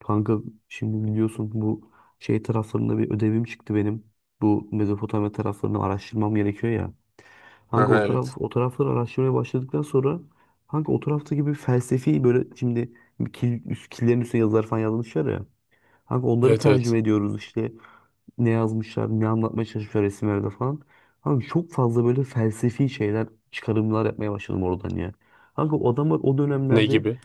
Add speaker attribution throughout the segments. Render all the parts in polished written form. Speaker 1: Kanka şimdi biliyorsun bu şey taraflarında bir ödevim çıktı benim. Bu Mezopotamya taraflarını araştırmam gerekiyor ya. Kanka o
Speaker 2: Aha,
Speaker 1: taraf
Speaker 2: evet.
Speaker 1: o tarafları araştırmaya başladıktan sonra kanka o taraftaki gibi felsefi böyle şimdi killerin üstüne yazılar falan yazmışlar ya. Kanka onları
Speaker 2: Evet, evet.
Speaker 1: tercüme ediyoruz işte ne yazmışlar, ne anlatmaya çalışmışlar resimlerde falan. Kanka çok fazla böyle felsefi şeyler, çıkarımlar yapmaya başladım oradan ya. Kanka o adamlar o
Speaker 2: Ne
Speaker 1: dönemlerde
Speaker 2: gibi?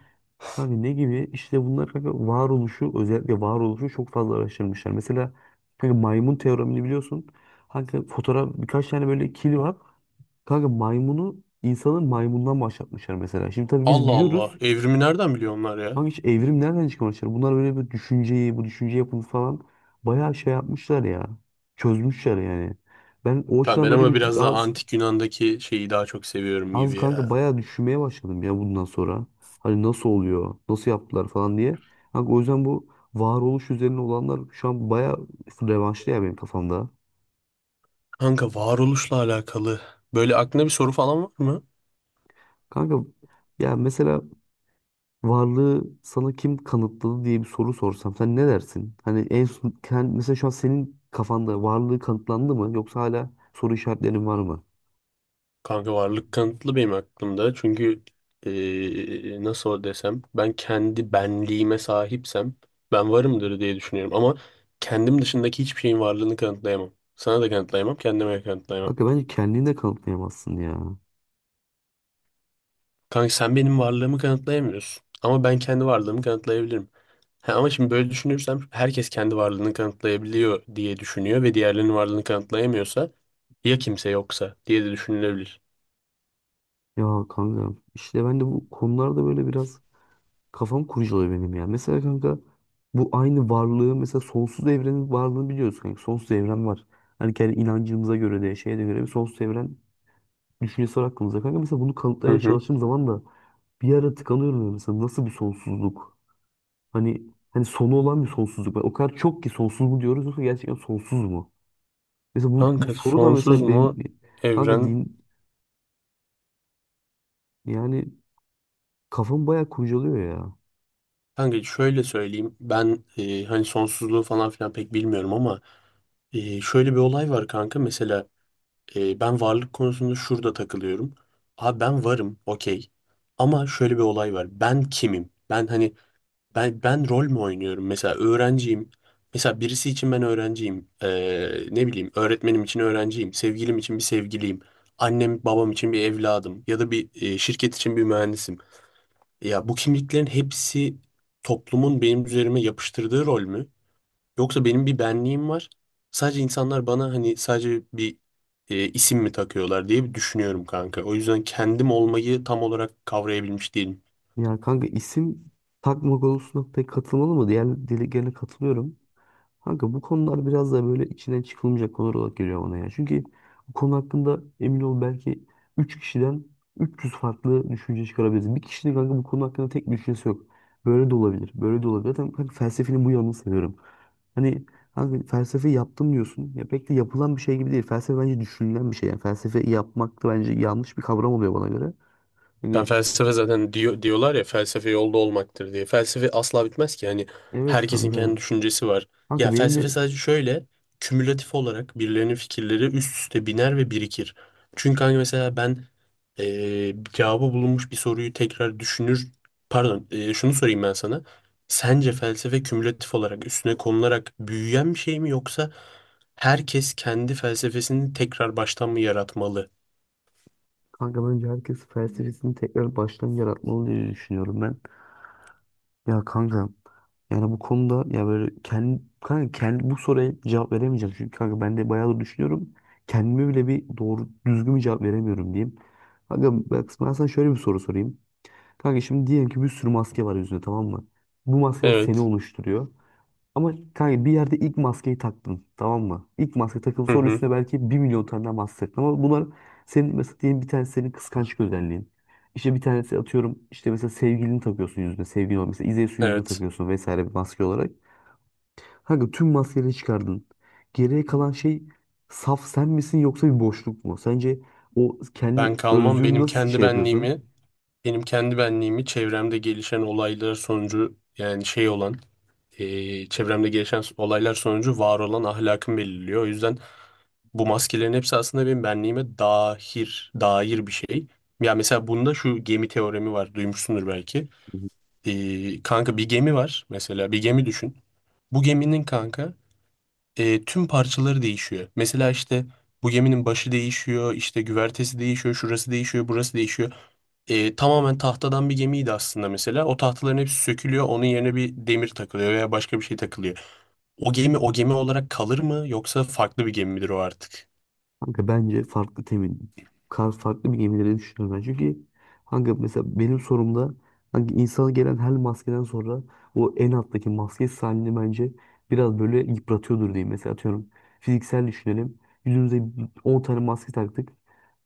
Speaker 1: hani ne gibi? İşte bunlar kanka varoluşu özellikle varoluşu çok fazla araştırmışlar. Mesela kanka maymun teoremini biliyorsun. Kanka fotoğraf birkaç tane böyle kili var. Kanka maymunu insanın maymundan başlatmışlar mesela. Şimdi tabii biz
Speaker 2: Allah Allah.
Speaker 1: biliyoruz.
Speaker 2: Evrimi nereden biliyor onlar ya?
Speaker 1: Kanka hiç evrim nereden çıkmışlar? Bunlar böyle bir düşünceyi, bu düşünce yapını falan bayağı şey yapmışlar ya. Çözmüşler yani. Ben o
Speaker 2: Kanka
Speaker 1: açıdan
Speaker 2: ben
Speaker 1: böyle
Speaker 2: ama
Speaker 1: bir
Speaker 2: biraz daha
Speaker 1: biraz
Speaker 2: antik Yunan'daki şeyi daha çok seviyorum
Speaker 1: az
Speaker 2: gibi
Speaker 1: kanka
Speaker 2: ya.
Speaker 1: bayağı düşünmeye başladım ya bundan sonra. Hani nasıl oluyor, nasıl yaptılar falan diye. Kanka o yüzden bu varoluş üzerine olanlar şu an bayağı revanşlı ya benim kafamda.
Speaker 2: Kanka varoluşla alakalı. Böyle aklında bir soru falan var mı?
Speaker 1: Kanka ya mesela varlığı sana kim kanıtladı diye bir soru sorsam sen ne dersin? Hani en son, kend- mesela şu an senin kafanda varlığı kanıtlandı mı yoksa hala soru işaretlerin var mı?
Speaker 2: Kanka varlık kanıtlı benim aklımda. Çünkü nasıl desem ben kendi benliğime sahipsem ben varımdır diye düşünüyorum. Ama kendim dışındaki hiçbir şeyin varlığını kanıtlayamam. Sana da kanıtlayamam, kendime de kanıtlayamam.
Speaker 1: Kanka bence kendini de kanıtlayamazsın ya.
Speaker 2: Kanka sen benim varlığımı kanıtlayamıyorsun. Ama ben kendi varlığımı kanıtlayabilirim. Ha, ama şimdi böyle düşünürsem herkes kendi varlığını kanıtlayabiliyor diye düşünüyor ve diğerlerinin varlığını kanıtlayamıyorsa ya kimse yoksa diye de düşünülebilir.
Speaker 1: Ya kanka işte ben de bu konularda böyle biraz kafam kurcalıyor benim ya. Mesela kanka bu aynı varlığı mesela sonsuz evrenin varlığını biliyoruz kanka. Sonsuz evren var. Hani kendi inancımıza göre de şeye de göre bir sonsuz evren düşüncesi var aklımızda kanka. Mesela bunu
Speaker 2: Hı
Speaker 1: kanıtlamaya
Speaker 2: hı.
Speaker 1: çalıştığım zaman da bir ara tıkanıyorum ya. Mesela nasıl bir sonsuzluk? Hani hani sonu olan bir sonsuzluk var. O kadar çok ki sonsuz mu diyoruz yoksa gerçekten sonsuz mu? Mesela bu
Speaker 2: Kanka
Speaker 1: soru da
Speaker 2: sonsuz
Speaker 1: mesela
Speaker 2: mu
Speaker 1: benim kanka
Speaker 2: evren?
Speaker 1: din yani kafam bayağı kurcalıyor ya.
Speaker 2: Kanka şöyle söyleyeyim. Ben hani sonsuzluğu falan filan pek bilmiyorum ama şöyle bir olay var kanka. Mesela ben varlık konusunda şurada takılıyorum. Abi ben varım, okey. Ama şöyle bir olay var. Ben kimim? Ben hani ben rol mü oynuyorum? Mesela öğrenciyim. Mesela birisi için ben öğrenciyim. Ne bileyim, öğretmenim için öğrenciyim. Sevgilim için bir sevgiliyim. Annem babam için bir evladım. Ya da bir şirket için bir mühendisim. Ya bu kimliklerin hepsi toplumun benim üzerime yapıştırdığı rol mü? Yoksa benim bir benliğim var. Sadece insanlar bana hani sadece bir isim mi takıyorlar diye bir düşünüyorum kanka. O yüzden kendim olmayı tam olarak kavrayabilmiş değilim.
Speaker 1: Ya kanka isim takma konusuna pek katılmalı mı? Diğer dileklerine katılıyorum. Kanka bu konular biraz da böyle içinden çıkılmayacak konular olarak geliyor bana ya. Çünkü bu konu hakkında emin ol belki 3 kişiden 300 farklı düşünce çıkarabiliriz. Bir kişinin kanka bu konu hakkında tek bir düşüncesi yok. Böyle de olabilir, böyle de olabilir. Zaten kanka felsefenin bu yanını seviyorum. Hani kanka felsefe yaptım diyorsun. Ya pek de yapılan bir şey gibi değil. Felsefe bence düşünülen bir şey. Yani felsefe yapmak da bence yanlış bir kavram oluyor bana göre.
Speaker 2: Ben
Speaker 1: Yani
Speaker 2: felsefe zaten diyorlar ya, felsefe yolda olmaktır diye. Felsefe asla bitmez ki. Yani
Speaker 1: evet
Speaker 2: herkesin
Speaker 1: kanka.
Speaker 2: kendi düşüncesi var. Ya
Speaker 1: Kanka benim de
Speaker 2: felsefe sadece şöyle kümülatif olarak birilerinin fikirleri üst üste biner ve birikir. Çünkü hani mesela ben cevabı bulunmuş bir soruyu tekrar düşünür. Pardon, şunu sorayım ben sana. Sence felsefe kümülatif olarak üstüne konularak büyüyen bir şey mi, yoksa herkes kendi felsefesini tekrar baştan mı yaratmalı?
Speaker 1: kanka bence herkes felsefesini tekrar baştan yaratmalı diye düşünüyorum ben. Ya kanka yani bu konuda ya böyle kendi bu soruya cevap veremeyeceğim. Çünkü kanka ben de bayağı da düşünüyorum. Kendime bile bir doğru düzgün bir cevap veremiyorum diyeyim. Kanka bak ben sana şöyle bir soru sorayım. Kanka şimdi diyelim ki bir sürü maske var yüzünde, tamam mı? Bu maskeler seni
Speaker 2: Evet.
Speaker 1: oluşturuyor. Ama kanka bir yerde ilk maskeyi taktın, tamam mı? İlk maske takıp
Speaker 2: Hı
Speaker 1: sonra
Speaker 2: hı.
Speaker 1: üstüne belki 1.000.000 tane daha maske taktın. Ama bunlar senin mesela diyelim bir tanesi senin kıskançlık özelliğin. İşte bir tanesi atıyorum işte mesela sevgilini takıyorsun yüzüne. Sevgilin olmuş. Mesela İzeysu yüzüne
Speaker 2: Evet.
Speaker 1: takıyorsun vesaire bir maske olarak. Kanka tüm maskeleri çıkardın. Geriye kalan şey saf sen misin yoksa bir boşluk mu? Sence o kendi
Speaker 2: Ben kalmam
Speaker 1: özlüğünü
Speaker 2: benim
Speaker 1: nasıl
Speaker 2: kendi
Speaker 1: şey yapıyorsun?
Speaker 2: benliğimi, benim kendi benliğimi çevremde gelişen olaylar sonucu yani şey olan, çevremde gelişen olaylar sonucu var olan ahlakım belirliyor. O yüzden bu maskelerin hepsi aslında benim benliğime dair bir şey. Ya mesela bunda şu gemi teoremi var, duymuşsundur belki. Kanka bir gemi var mesela, bir gemi düşün. Bu geminin kanka tüm parçaları değişiyor. Mesela işte bu geminin başı değişiyor, işte güvertesi değişiyor, şurası değişiyor, burası değişiyor. E, tamamen tahtadan bir gemiydi aslında mesela. O tahtaların hepsi sökülüyor, onun yerine bir demir takılıyor veya başka bir şey takılıyor. O gemi o gemi olarak kalır mı, yoksa farklı bir gemi midir o artık?
Speaker 1: Kanka bence farklı temin. Kar farklı bir gemileri düşünüyorum ben. Çünkü kanka mesela benim sorumda hangi insana gelen her maskeden sonra o en alttaki maske halini bence biraz böyle yıpratıyordur diyeyim. Mesela atıyorum fiziksel düşünelim. Yüzümüze 10 tane maske taktık.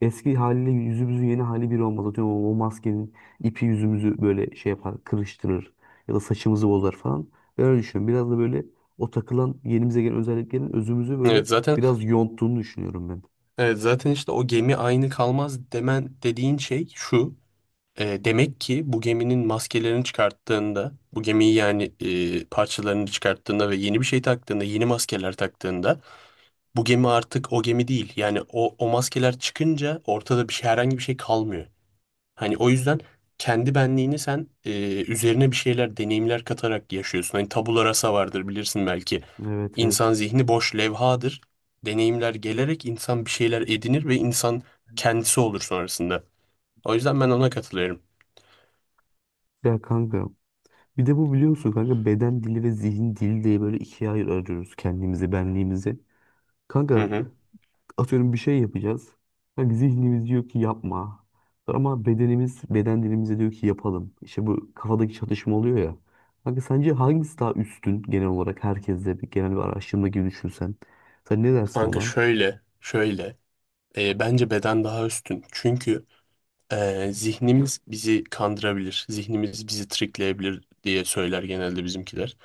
Speaker 1: Eski haliyle yüzümüzün yeni hali bir olmaz. Atıyorum o maskenin ipi yüzümüzü böyle şey yapar, kırıştırır ya da saçımızı bozar falan. Ben öyle düşünüyorum. Biraz da böyle o takılan yenimize gelen özelliklerin özümüzü böyle
Speaker 2: Evet zaten
Speaker 1: biraz yonttuğunu düşünüyorum ben.
Speaker 2: Evet, zaten işte o gemi aynı kalmaz demen, dediğin şey şu. E, demek ki bu geminin maskelerini çıkarttığında, bu gemiyi yani parçalarını çıkarttığında ve yeni bir şey taktığında, yeni maskeler taktığında bu gemi artık o gemi değil. Yani o maskeler çıkınca ortada bir şey, herhangi bir şey kalmıyor. Hani o yüzden kendi benliğini sen üzerine bir şeyler, deneyimler katarak yaşıyorsun. Hani tabula rasa vardır, bilirsin belki.
Speaker 1: Evet,
Speaker 2: İnsan
Speaker 1: evet.
Speaker 2: zihni boş levhadır. Deneyimler gelerek insan bir şeyler edinir ve insan kendisi olur sonrasında. O yüzden ben ona katılıyorum.
Speaker 1: Ya kanka bir de bu biliyor musun kanka beden dili ve zihin dili diye böyle ikiye ayırıyoruz kendimizi, benliğimizi.
Speaker 2: Hı
Speaker 1: Kanka
Speaker 2: hı.
Speaker 1: atıyorum bir şey yapacağız. Kanka zihnimiz diyor ki yapma. Ama bedenimiz, beden dilimize diyor ki yapalım. İşte bu kafadaki çatışma oluyor ya. Kanka sence hangisi daha üstün genel olarak herkeste bir genel bir araştırma gibi düşünsen. Sen ne dersin ona?
Speaker 2: Şöyle. E, bence beden daha üstün. Çünkü zihnimiz bizi kandırabilir, zihnimiz bizi trikleyebilir diye söyler genelde bizimkiler.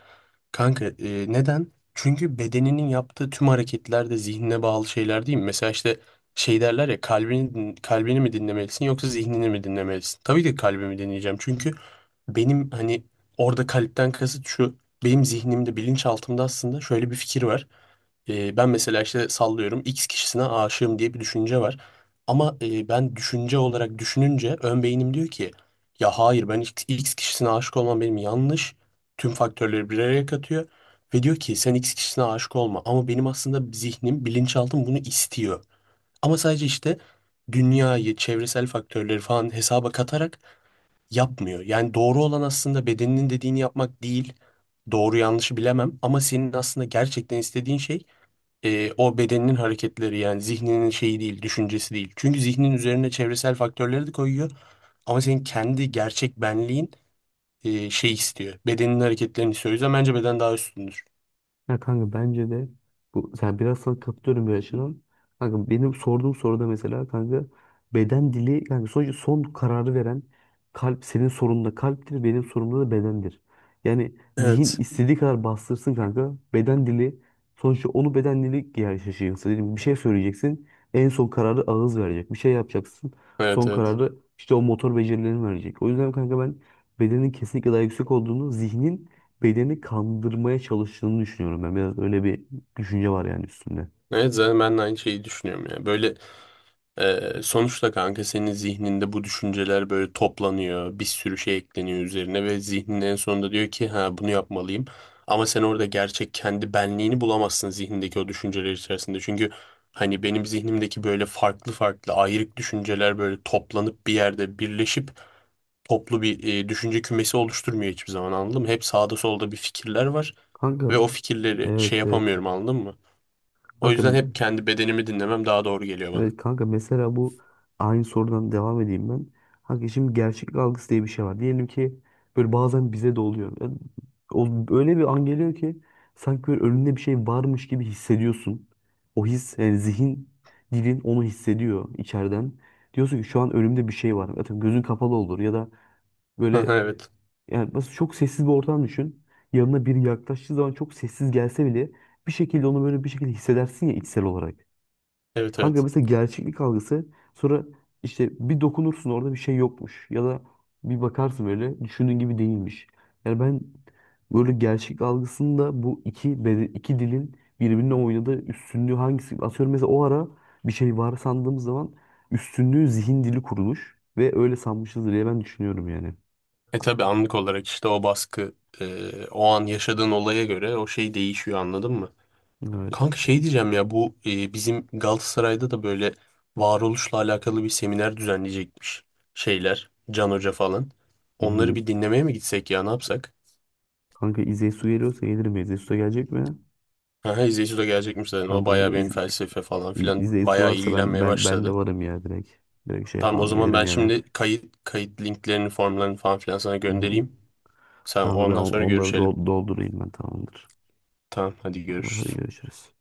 Speaker 2: Kanka neden? Çünkü bedeninin yaptığı tüm hareketler de zihnine bağlı şeyler değil mi? Mesela işte şey derler ya, kalbini mi dinlemelisin, yoksa zihnini mi dinlemelisin? Tabii ki kalbimi dinleyeceğim, çünkü benim hani orada kalpten kasıt şu, benim zihnimde bilinçaltımda aslında şöyle bir fikir var. Ben mesela işte sallıyorum, X kişisine aşığım diye bir düşünce var. Ama ben düşünce olarak düşününce ön beynim diyor ki ya hayır, ben X kişisine aşık olmam, benim yanlış. Tüm faktörleri bir araya katıyor ve diyor ki sen X kişisine aşık olma. Ama benim aslında zihnim, bilinçaltım bunu istiyor. Ama sadece işte dünyayı, çevresel faktörleri falan hesaba katarak yapmıyor. Yani doğru olan aslında bedeninin dediğini yapmak değil. Doğru yanlışı bilemem, ama senin aslında gerçekten istediğin şey o bedeninin hareketleri, yani zihninin şeyi değil, düşüncesi değil. Çünkü zihnin üzerine çevresel faktörleri de koyuyor. Ama senin kendi gerçek benliğin şey istiyor. Bedenin hareketlerini istiyor. O yüzden bence beden daha üstündür.
Speaker 1: Ya kanka bence de bu sen biraz sana katılıyorum bir açıdan. Kanka benim sorduğum soruda mesela kanka beden dili yani sonuçta son kararı veren kalp senin sorununda kalptir, benim sorumda da bedendir. Yani zihin
Speaker 2: Evet.
Speaker 1: istediği kadar bastırsın kanka beden dili sonuçta onu beden dili gerçekleşiyor. Mesela diyelim bir şey söyleyeceksin en son kararı ağız verecek. Bir şey yapacaksın
Speaker 2: Evet,
Speaker 1: son
Speaker 2: evet.
Speaker 1: kararı işte o motor becerilerini verecek. O yüzden kanka ben bedenin kesinlikle daha yüksek olduğunu zihnin bedeni kandırmaya çalıştığını düşünüyorum ben. Biraz öyle bir düşünce var yani üstünde.
Speaker 2: Evet, zaten ben de aynı şeyi düşünüyorum ya. Böyle sonuçta kanka senin zihninde bu düşünceler böyle toplanıyor. Bir sürü şey ekleniyor üzerine ve zihnin en sonunda diyor ki ha, bunu yapmalıyım. Ama sen orada gerçek kendi benliğini bulamazsın zihnindeki o düşünceler içerisinde. Çünkü hani benim zihnimdeki böyle farklı farklı ayrık düşünceler böyle toplanıp bir yerde birleşip toplu bir düşünce kümesi oluşturmuyor hiçbir zaman, anladın mı? Hep sağda solda bir fikirler var
Speaker 1: Kanka
Speaker 2: ve o fikirleri şey
Speaker 1: evet, evet.
Speaker 2: yapamıyorum, anladın mı? O
Speaker 1: Kanka
Speaker 2: yüzden hep kendi bedenimi dinlemem daha doğru geliyor bana.
Speaker 1: evet kanka mesela bu aynı sorudan devam edeyim ben. Kanka şimdi gerçeklik algısı diye bir şey var. Diyelim ki böyle bazen bize de oluyor. Yani o, öyle bir an geliyor ki sanki böyle önünde bir şey varmış gibi hissediyorsun. O his yani zihin dilin onu hissediyor içeriden. Diyorsun ki şu an önümde bir şey var. Zaten gözün kapalı olur ya da böyle
Speaker 2: Evet.
Speaker 1: yani nasıl çok sessiz bir ortam düşün. Yanına biri yaklaştığı zaman çok sessiz gelse bile bir şekilde onu böyle bir şekilde hissedersin ya içsel olarak.
Speaker 2: Evet,
Speaker 1: Kanka
Speaker 2: evet.
Speaker 1: mesela gerçeklik algısı sonra işte bir dokunursun orada bir şey yokmuş ya da bir bakarsın böyle düşündüğün gibi değilmiş. Yani ben böyle gerçeklik algısında bu iki dilin birbirine oynadığı üstünlüğü hangisi? Atıyorum mesela o ara bir şey var sandığımız zaman üstünlüğü zihin dili kurulmuş ve öyle sanmışız diye ben düşünüyorum yani.
Speaker 2: E, tabii anlık olarak işte o baskı, o an yaşadığın olaya göre o şey değişiyor, anladın mı?
Speaker 1: Evet.
Speaker 2: Kanka şey diyeceğim ya, bu bizim Galatasaray'da da böyle varoluşla alakalı bir seminer düzenleyecekmiş şeyler, Can Hoca falan.
Speaker 1: Hı
Speaker 2: Onları
Speaker 1: hı.
Speaker 2: bir dinlemeye mi gitsek ya, ne yapsak?
Speaker 1: Kanka İzeysu geliyorsa gelir mi? İzeysu da gelecek mi?
Speaker 2: Aha, İzeysu de gelecekmiş zaten,
Speaker 1: Tamam
Speaker 2: o bayağı
Speaker 1: kanka
Speaker 2: benim
Speaker 1: İz,
Speaker 2: felsefe falan
Speaker 1: İz,
Speaker 2: filan
Speaker 1: İzeysu
Speaker 2: bayağı
Speaker 1: varsa ben
Speaker 2: ilgilenmeye
Speaker 1: ben ben de
Speaker 2: başladı.
Speaker 1: varım ya direkt. Direkt şey
Speaker 2: Tamam, o
Speaker 1: yapalım
Speaker 2: zaman
Speaker 1: gelirim
Speaker 2: ben
Speaker 1: yani.
Speaker 2: şimdi kayıt linklerini, formlarını falan filan sana
Speaker 1: Hı hı.
Speaker 2: göndereyim. Sen
Speaker 1: Tamamdır ben
Speaker 2: ondan sonra
Speaker 1: onları
Speaker 2: görüşelim.
Speaker 1: doldurayım ben tamamdır.
Speaker 2: Tamam, hadi
Speaker 1: Tamam, hadi
Speaker 2: görüşürüz.
Speaker 1: görüşürüz.